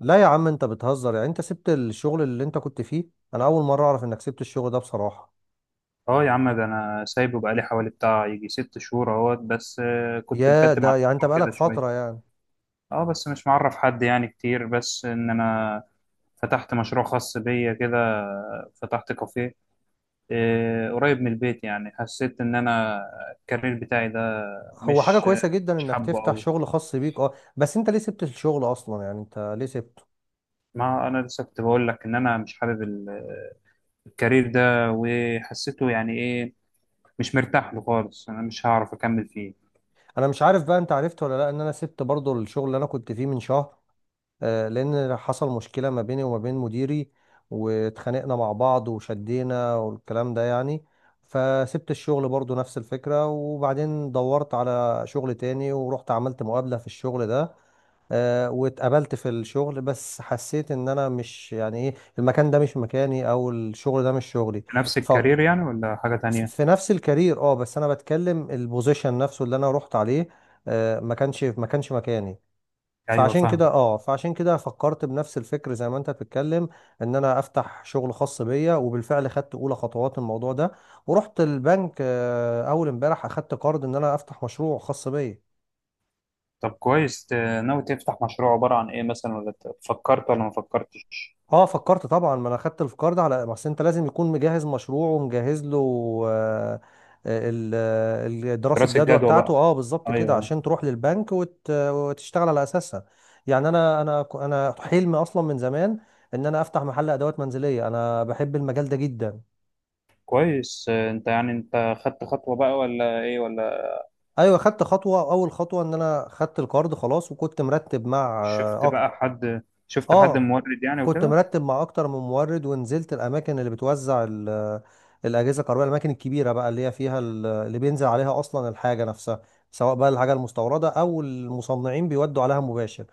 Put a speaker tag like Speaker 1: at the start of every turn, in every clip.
Speaker 1: لا يا عم، انت بتهزر، يعني انت سبت الشغل اللي انت كنت فيه. انا اول مره اعرف انك سبت الشغل ده، بصراحه.
Speaker 2: اه يا عم، ده انا سايبه بقالي حوالي بتاع يجي 6 شهور اهوت بس كنت
Speaker 1: يا
Speaker 2: مكتم على
Speaker 1: ده، يعني انت
Speaker 2: الموضوع
Speaker 1: بقالك
Speaker 2: كده
Speaker 1: فتره
Speaker 2: شويه.
Speaker 1: يعني.
Speaker 2: اه، بس مش معرف حد يعني كتير، بس ان انا فتحت مشروع خاص بيا كده. فتحت كافيه. قريب من البيت، يعني حسيت ان انا الكارير بتاعي ده
Speaker 1: هو حاجه
Speaker 2: مش
Speaker 1: كويسه جدا
Speaker 2: مش
Speaker 1: انك
Speaker 2: حابه
Speaker 1: تفتح
Speaker 2: قوي.
Speaker 1: شغل خاص بيك، بس انت ليه سبت الشغل اصلا؟ يعني انت ليه سبته؟
Speaker 2: ما انا لسه كنت بقول لك ان انا مش حابب الكارير ده، وحسيته يعني ايه، مش مرتاح له خالص، انا مش هعرف اكمل فيه.
Speaker 1: انا مش عارف بقى، انت عرفت ولا لا ان انا سبت برضو الشغل اللي انا كنت فيه من شهر. لان حصل مشكله ما بيني وما بين مديري، واتخانقنا مع بعض وشدينا والكلام ده يعني. فسبت الشغل برضو نفس الفكره، وبعدين دورت على شغل تاني ورحت عملت مقابله في الشغل ده. واتقابلت في الشغل، بس حسيت ان انا مش، يعني ايه، المكان ده مش مكاني، او الشغل ده مش شغلي.
Speaker 2: نفس
Speaker 1: ف
Speaker 2: الكارير يعني ولا حاجه تانية؟
Speaker 1: في نفس الكارير، اه، بس انا بتكلم البوزيشن نفسه اللي انا رحت عليه. ما كانش مكاني.
Speaker 2: ايوه، فاهم.
Speaker 1: فعشان كده فكرت بنفس الفكر زي ما انت بتتكلم، ان انا افتح شغل خاص بيا. وبالفعل خدت اولى خطوات الموضوع ده، ورحت البنك، اول امبارح اخدت قرض ان انا افتح مشروع خاص بيا.
Speaker 2: طب كويس. ناوي تفتح مشروع عبارة عن ايه مثلا، ولا فكرت ولا ما فكرتش؟
Speaker 1: اه، فكرت طبعا، ما انا خدت الفكار ده على ما أصل انت لازم يكون مجهز مشروع ومجهز له. آه، آه، ال- آه، دراسة
Speaker 2: دراسة
Speaker 1: جدوى
Speaker 2: جدوى
Speaker 1: بتاعته،
Speaker 2: بقى.
Speaker 1: اه، بالظبط كده،
Speaker 2: ايوه
Speaker 1: عشان تروح للبنك وتشتغل على اساسها. يعني انا حلمي اصلا من زمان ان انا افتح محل ادوات منزلية، انا بحب المجال ده جدا.
Speaker 2: كويس. انت يعني انت خدت خطوة بقى ولا ايه ولا...
Speaker 1: ايوه، خدت خطوة، اول خطوة ان انا خدت القرض خلاص، وكنت مرتب مع
Speaker 2: شفت بقى حد شفت حد
Speaker 1: اه
Speaker 2: مورد يعني
Speaker 1: كنت
Speaker 2: وكده.
Speaker 1: مرتب مع اكتر من مورد، ونزلت الاماكن اللي بتوزع الاجهزه الكهربائيه، الاماكن الكبيره بقى اللي هي فيها اللي بينزل عليها اصلا الحاجه نفسها، سواء بقى الحاجه المستورده او المصنعين بيودوا عليها مباشر.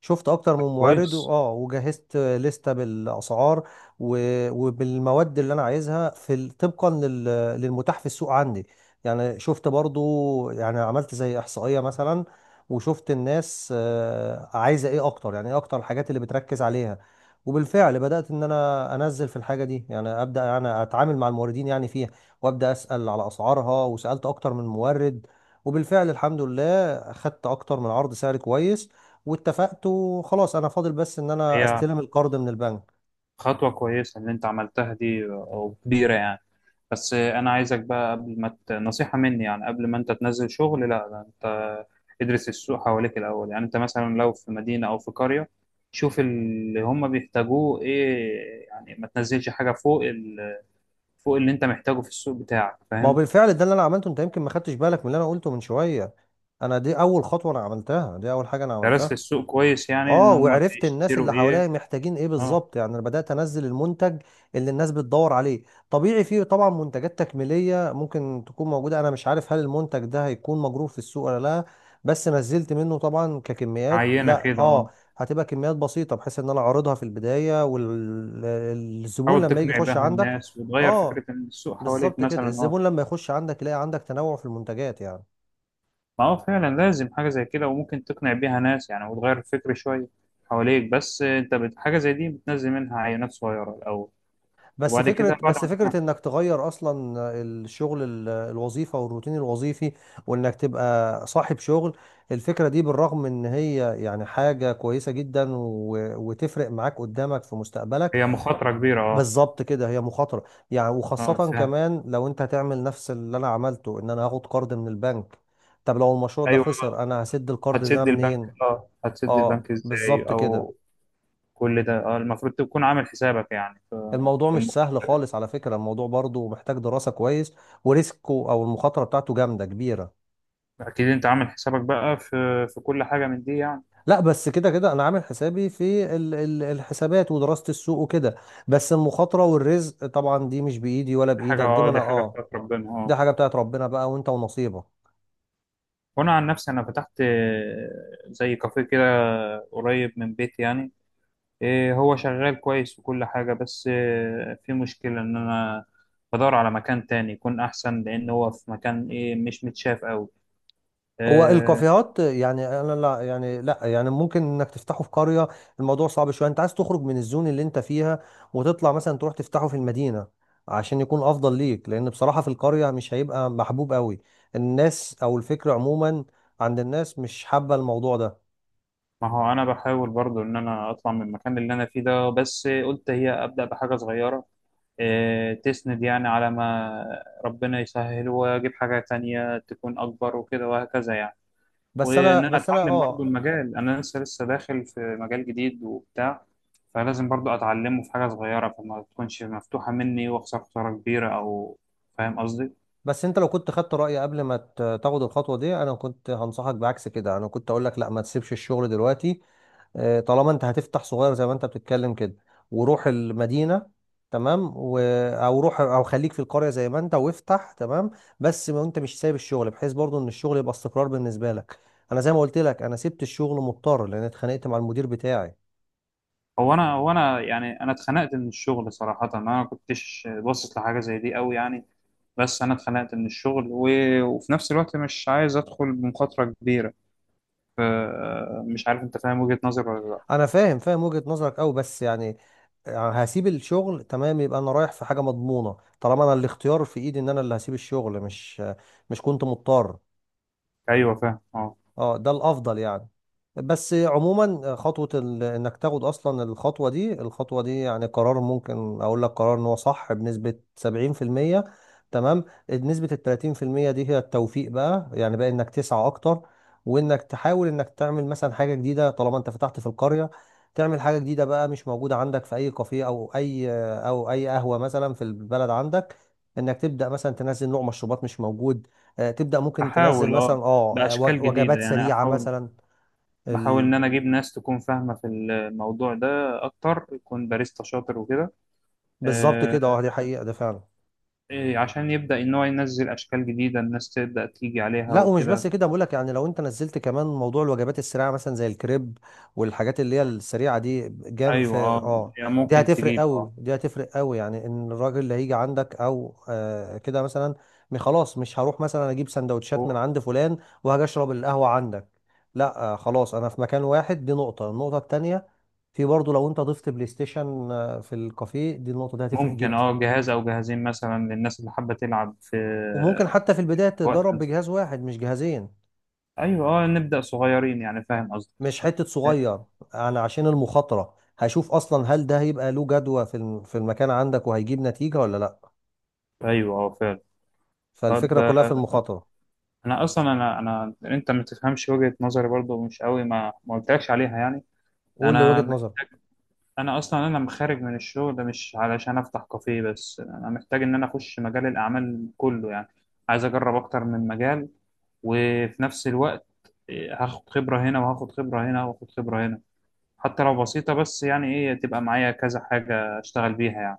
Speaker 1: شفت اكتر
Speaker 2: طب
Speaker 1: من مورد،
Speaker 2: كويس.
Speaker 1: وجهزت لستة بالاسعار وبالمواد اللي انا عايزها طبقا للمتاح في السوق عندي. يعني شفت برضو، يعني عملت زي احصائية مثلا، وشفت الناس عايزة ايه اكتر، يعني ايه اكتر الحاجات اللي بتركز عليها. وبالفعل بدأت ان انا انزل في الحاجة دي، يعني ابدأ يعني اتعامل مع الموردين يعني فيها، وابدأ اسأل على اسعارها، وسألت اكتر من مورد. وبالفعل الحمد لله، خدت اكتر من عرض سعر كويس، واتفقت وخلاص انا فاضل بس ان انا
Speaker 2: هي
Speaker 1: استلم القرض من البنك.
Speaker 2: خطوة كويسة اللي انت عملتها دي، او كبيرة يعني. بس انا عايزك بقى قبل ما نصيحة مني يعني، قبل ما انت تنزل شغل لا ده انت ادرس السوق حواليك الاول. يعني انت مثلا لو في مدينة او في قرية، شوف اللي هم بيحتاجوه ايه. يعني ما تنزلش حاجة فوق فوق اللي انت محتاجه في السوق بتاعك.
Speaker 1: ما هو
Speaker 2: فاهم؟
Speaker 1: بالفعل ده اللي انا عملته، انت يمكن ما خدتش بالك من اللي انا قلته من شويه، انا دي اول خطوه انا عملتها، دي اول حاجه انا
Speaker 2: درست
Speaker 1: عملتها.
Speaker 2: السوق كويس يعني،
Speaker 1: اه،
Speaker 2: ان هم
Speaker 1: وعرفت الناس
Speaker 2: بيشتروا
Speaker 1: اللي
Speaker 2: ايه؟
Speaker 1: حواليا محتاجين ايه
Speaker 2: اه،
Speaker 1: بالظبط، يعني انا بدات انزل المنتج اللي الناس بتدور عليه. طبيعي فيه طبعا منتجات تكميليه ممكن تكون موجوده، انا مش عارف هل المنتج ده هيكون مجروف في السوق ولا لا، بس نزلت منه طبعا ككميات،
Speaker 2: عينة
Speaker 1: لا
Speaker 2: كده،
Speaker 1: اه،
Speaker 2: اه.
Speaker 1: هتبقى كميات بسيطه، بحيث ان انا اعرضها في البدايه والزبون
Speaker 2: حاول
Speaker 1: لما يجي
Speaker 2: تقنع
Speaker 1: يخش
Speaker 2: بيها
Speaker 1: عندك.
Speaker 2: الناس وتغير
Speaker 1: اه،
Speaker 2: فكرة السوق حواليك
Speaker 1: بالظبط كده،
Speaker 2: مثلا، اه.
Speaker 1: الزبون لما يخش عندك يلاقي عندك تنوع في المنتجات يعني.
Speaker 2: ما هو فعلا لازم حاجة زي كده، وممكن تقنع بيها ناس يعني وتغير الفكر شوية حواليك. بس انت حاجة زي دي بتنزل منها عينات صغيرة الأول،
Speaker 1: بس
Speaker 2: وبعد
Speaker 1: فكرة،
Speaker 2: كده بعد
Speaker 1: بس
Speaker 2: ما تقنع.
Speaker 1: فكرة انك تغير اصلا الشغل، الوظيفة والروتين الوظيفي، وانك تبقى صاحب شغل، الفكرة دي بالرغم ان هي يعني حاجة كويسة جدا، وتفرق معاك قدامك في مستقبلك.
Speaker 2: هي مخاطرة كبيرة، اه.
Speaker 1: بالظبط كده، هي مخاطرة، يعني
Speaker 2: اه،
Speaker 1: وخاصة
Speaker 2: فاهم.
Speaker 1: كمان لو انت هتعمل نفس اللي انا عملته، ان انا هاخد قرض من البنك، طب لو المشروع ده
Speaker 2: ايوه.
Speaker 1: خسر انا هسد القرض ده
Speaker 2: هتسد البنك،
Speaker 1: منين؟
Speaker 2: اه، هتسد
Speaker 1: اه،
Speaker 2: البنك ازاي،
Speaker 1: بالظبط كده،
Speaker 2: او كل ده، اه، المفروض تكون عامل حسابك يعني، في
Speaker 1: الموضوع
Speaker 2: في
Speaker 1: مش سهل خالص على فكرة، الموضوع برضو محتاج دراسة كويس، وريسكه او المخاطرة بتاعته جامدة كبيرة.
Speaker 2: اكيد انت عامل حسابك بقى في كل حاجة من دي يعني.
Speaker 1: لا، بس كده كده انا عامل حسابي في الحسابات ودراسة السوق وكده، بس المخاطرة والرزق طبعا دي مش بايدي ولا
Speaker 2: حاجة،
Speaker 1: بايدك، دي ما
Speaker 2: اه،
Speaker 1: انا
Speaker 2: دي حاجة
Speaker 1: اه،
Speaker 2: بتاعت ربنا،
Speaker 1: دي
Speaker 2: اه.
Speaker 1: حاجة بتاعت ربنا بقى، وانت ونصيبك.
Speaker 2: وانا عن نفسي، انا فتحت زي كافيه كده، قريب من بيتي يعني. هو شغال كويس وكل حاجة، بس في مشكلة إن أنا بدور على مكان تاني يكون أحسن، لأن هو في مكان مش متشاف أوي.
Speaker 1: هو
Speaker 2: إيه،
Speaker 1: الكافيهات، يعني انا لا يعني، لا يعني ممكن انك تفتحه في قرية، الموضوع صعب شوية، انت عايز تخرج من الزون اللي انت فيها وتطلع مثلا تروح تفتحه في المدينة، عشان يكون افضل ليك، لان بصراحة في القرية مش هيبقى محبوب قوي. الناس او الفكر عموما عند الناس مش حابة الموضوع ده.
Speaker 2: ما هو أنا بحاول برضو إن أنا أطلع من المكان اللي أنا فيه ده، بس قلت هي أبدأ بحاجة صغيرة تسند يعني، على ما ربنا يسهل وأجيب حاجة تانية تكون أكبر وكده وهكذا يعني.
Speaker 1: بس
Speaker 2: وان
Speaker 1: انا
Speaker 2: انا
Speaker 1: بس انا
Speaker 2: اتعلم برضو
Speaker 1: اه
Speaker 2: المجال، انا لسه داخل في مجال جديد وبتاع، فلازم برضو اتعلمه في حاجه صغيره، فما تكونش مفتوحه مني واخسر خساره كبيره او... فاهم قصدي؟
Speaker 1: بس انت لو كنت خدت رأيي قبل ما تاخد الخطوة دي، انا كنت هنصحك بعكس كده، انا كنت اقول لك لا، ما تسيبش الشغل دلوقتي. طالما انت هتفتح صغير زي ما انت بتتكلم كده، وروح المدينة تمام، او روح او خليك في القرية زي ما انت وافتح، تمام، بس ما انت مش سايب الشغل، بحيث برضو ان الشغل يبقى استقرار بالنسبة لك. انا زي ما قلت لك، انا سبت الشغل مضطر لان اتخانقت مع المدير بتاعي.
Speaker 2: هو انا يعني انا اتخنقت من الشغل صراحه، انا ما كنتش باصص لحاجه زي دي قوي يعني. بس انا اتخنقت من الشغل وفي نفس الوقت مش عايز ادخل بمخاطره كبيره، ف- مش عارف انت فاهم وجهه نظري ولا لا؟
Speaker 1: انا فاهم، فاهم وجهة نظرك قوي، بس يعني هسيب الشغل، تمام، يبقى انا رايح في حاجة مضمونة، طالما انا الاختيار في ايدي ان انا اللي هسيب الشغل، مش كنت مضطر.
Speaker 2: ايوه فاهم، اه.
Speaker 1: اه، ده الافضل يعني. بس عموما خطوة انك تاخد اصلا الخطوة دي يعني قرار، ممكن اقول لك قرار ان هو صح بنسبة 70%، تمام، نسبة ال 30% دي هي التوفيق بقى، يعني بقى انك تسعى اكتر، وانك تحاول انك تعمل مثلا حاجة جديدة. طالما انت فتحت في القرية، تعمل حاجة جديدة بقى مش موجودة عندك في اي كافيه، او اي قهوة مثلا في البلد عندك، انك تبدأ مثلا تنزل نوع مشروبات مش موجود. تبدأ ممكن تنزل
Speaker 2: احاول،
Speaker 1: مثلا
Speaker 2: اه، باشكال جديده
Speaker 1: وجبات
Speaker 2: يعني،
Speaker 1: سريعة
Speaker 2: احاول.
Speaker 1: مثلا.
Speaker 2: بحاول إن
Speaker 1: ال...
Speaker 2: أنا أجيب ناس تكون فاهمة في الموضوع ده أكتر، يكون باريستا شاطر وكده.
Speaker 1: بالظبط
Speaker 2: آه،
Speaker 1: كده، اه، دي حقيقة، ده فعلا.
Speaker 2: عشان يبدأ إن هو ينزل أشكال جديدة، الناس تبدأ تيجي عليها
Speaker 1: لا، ومش بس
Speaker 2: وكده.
Speaker 1: كده، بقولك يعني لو انت نزلت كمان موضوع الوجبات السريعه مثلا زي الكريب والحاجات اللي هي السريعه دي جام في
Speaker 2: أيوة، أه.
Speaker 1: اه،
Speaker 2: يعني
Speaker 1: دي
Speaker 2: ممكن
Speaker 1: هتفرق
Speaker 2: تجيب،
Speaker 1: قوي،
Speaker 2: أه،
Speaker 1: دي هتفرق قوي، يعني ان الراجل اللي هيجي عندك، او آه كده مثلا خلاص مش هروح مثلا اجيب سندوتشات من
Speaker 2: هو-
Speaker 1: عند فلان، وهاجي اشرب القهوه عندك. لا، خلاص، انا في مكان واحد، دي نقطه. النقطه التانيه، في برضه لو انت ضفت بلاي ستيشن في الكافيه دي، النقطه دي هتفرق
Speaker 2: ممكن،
Speaker 1: جدا،
Speaker 2: أه، جهاز أو جهازين مثلا للناس اللي حابة تلعب في
Speaker 1: وممكن حتى في
Speaker 2: في
Speaker 1: البدايه تجرب
Speaker 2: وقت.
Speaker 1: بجهاز واحد مش جهازين،
Speaker 2: أيوة، أه، نبدأ صغيرين يعني. فاهم قصدي؟
Speaker 1: مش حتة صغير. انا عشان المخاطرة هشوف اصلا هل ده هيبقى له جدوى في المكان عندك، وهيجيب نتيجة ولا لا.
Speaker 2: أيوة، أه، فعلا. طب
Speaker 1: فالفكرة كلها في المخاطرة.
Speaker 2: أنا أصلا أنا أنا أنت ما تفهمش وجهة نظري برضو مش قوي، ما قلتلكش عليها يعني.
Speaker 1: قول لي
Speaker 2: أنا
Speaker 1: وجهة نظرك.
Speaker 2: انا اصلا انا خارج من الشغل ده مش علشان افتح كافيه، بس انا محتاج ان انا اخش مجال الاعمال كله يعني. عايز اجرب اكتر من مجال، وفي نفس الوقت هاخد خبرة هنا وهاخد خبرة هنا وهاخد خبرة هنا، حتى لو بسيطة، بس يعني ايه، تبقى معايا كذا حاجة اشتغل بيها يعني.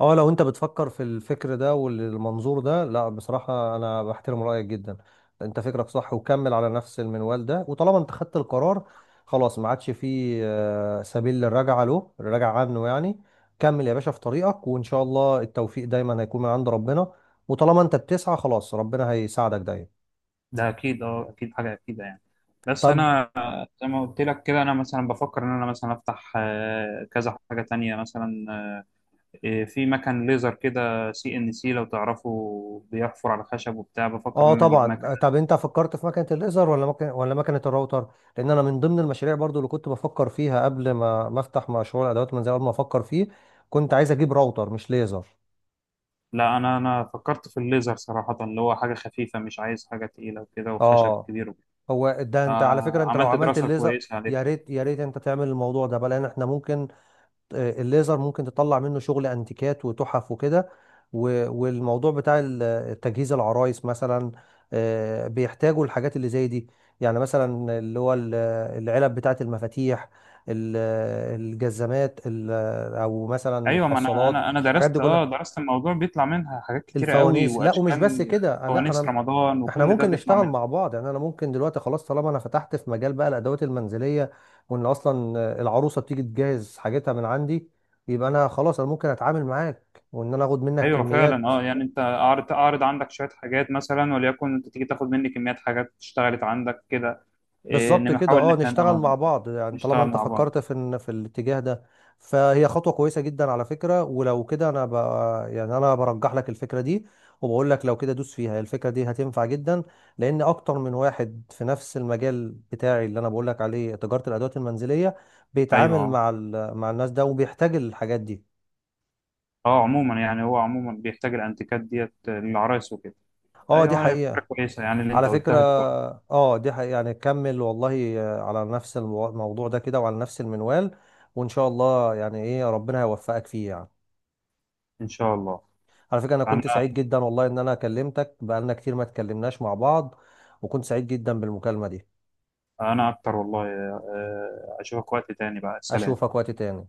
Speaker 1: اه، لو انت بتفكر في الفكر ده والمنظور ده، لا بصراحة، انا بحترم رأيك جدا، انت فكرك صح، وكمل على نفس المنوال ده، وطالما انت خدت القرار خلاص، ما عادش فيه سبيل للرجعة له، الرجعة عنه يعني. كمل يا باشا في طريقك، وان شاء الله التوفيق دايما هيكون من عند ربنا، وطالما انت بتسعى خلاص ربنا هيساعدك دايما.
Speaker 2: ده اكيد، اه، اكيد حاجة اكيدة يعني. بس
Speaker 1: طب،
Speaker 2: انا زي ما قلت لك كده، انا مثلا بفكر ان انا مثلا افتح كذا حاجة تانية مثلا. في مكن ليزر كده، CNC، لو تعرفوا بيحفر على خشب وبتاع، بفكر ان
Speaker 1: اه
Speaker 2: انا اجيب مكن.
Speaker 1: طبعا. طب انت فكرت في مكنه الليزر ولا مكنه، ولا مكنه الراوتر؟ لان انا من ضمن المشاريع برضو اللي كنت بفكر فيها قبل ما افتح مشروع الادوات المنزليه، قبل ما افكر فيه كنت عايز اجيب راوتر مش ليزر.
Speaker 2: لا، انا فكرت في الليزر صراحة، اللي هو حاجة خفيفة، مش عايز حاجة تقيلة وكده وخشب
Speaker 1: اه،
Speaker 2: كبير وكده.
Speaker 1: هو ده، انت على فكره
Speaker 2: آه،
Speaker 1: انت لو
Speaker 2: عملت
Speaker 1: عملت
Speaker 2: دراسة
Speaker 1: الليزر،
Speaker 2: كويسة عليه.
Speaker 1: يا ريت يا ريت انت تعمل الموضوع ده بقى، لان احنا ممكن، الليزر ممكن تطلع منه شغل انتيكات وتحف وكده، والموضوع بتاع تجهيز العرايس مثلا، بيحتاجوا الحاجات اللي زي دي، يعني مثلا اللي هو العلب بتاعة المفاتيح، ال- الجزمات، او مثلا
Speaker 2: ايوه، ما انا
Speaker 1: الحصالات، الحاجات دي
Speaker 2: درست اه
Speaker 1: كلها،
Speaker 2: درست الموضوع، بيطلع منها حاجات كتيرة قوي
Speaker 1: الفوانيس. لا، ومش بس
Speaker 2: واشكال.
Speaker 1: كده، لا،
Speaker 2: فوانيس
Speaker 1: انا
Speaker 2: رمضان
Speaker 1: احنا
Speaker 2: وكل ده
Speaker 1: ممكن
Speaker 2: بيطلع
Speaker 1: نشتغل
Speaker 2: منها.
Speaker 1: مع بعض، يعني انا ممكن دلوقتي خلاص طالما انا فتحت في مجال بقى الادوات المنزليه، وان اصلا العروسه بتيجي تجهز حاجتها من عندي، يبقى انا خلاص انا ممكن اتعامل معاك وان انا اخد منك
Speaker 2: ايوه فعلا،
Speaker 1: كميات.
Speaker 2: اه. يعني انت اعرض عندك شوية حاجات مثلا، وليكن انت تيجي تاخد مني كميات حاجات اشتغلت عندك كده.
Speaker 1: بالظبط
Speaker 2: انما
Speaker 1: كده،
Speaker 2: حاول ان
Speaker 1: اه
Speaker 2: احنا،
Speaker 1: نشتغل
Speaker 2: اه،
Speaker 1: مع بعض، يعني طالما
Speaker 2: نشتغل
Speaker 1: انت
Speaker 2: مع بعض.
Speaker 1: فكرت في الاتجاه ده، فهي خطوة كويسة جدا على فكرة، ولو كده يعني انا برجح لك الفكرة دي، وبقول لك لو كده دوس فيها، هي الفكرة دي هتنفع جدا، لان اكتر من واحد في نفس المجال بتاعي اللي انا بقول لك عليه، تجارة الادوات المنزلية،
Speaker 2: ايوه،
Speaker 1: بيتعامل
Speaker 2: اه.
Speaker 1: مع مع الناس ده وبيحتاج الحاجات دي.
Speaker 2: عموما يعني، هو عموما بيحتاج الانتيكات ديت للعرايس وكده.
Speaker 1: اه، دي
Speaker 2: ايوه، هي فكره
Speaker 1: حقيقة،
Speaker 2: كويسه يعني، اللي انت
Speaker 1: على فكرة،
Speaker 2: قلتها دي برضه.
Speaker 1: اه دي حقيقة، يعني كمل والله على نفس الموضوع ده كده وعلى نفس المنوال، وان شاء الله يعني ايه، ربنا هيوفقك فيه يعني.
Speaker 2: ان شاء الله.
Speaker 1: على فكرة، انا كنت
Speaker 2: انا
Speaker 1: سعيد جدا والله ان انا كلمتك، بقالنا كتير ما اتكلمناش مع بعض، وكنت سعيد جدا بالمكالمة دي.
Speaker 2: انا اكتر والله اشوفك وقت تاني بقى، سلام.
Speaker 1: اشوفك وقت تاني.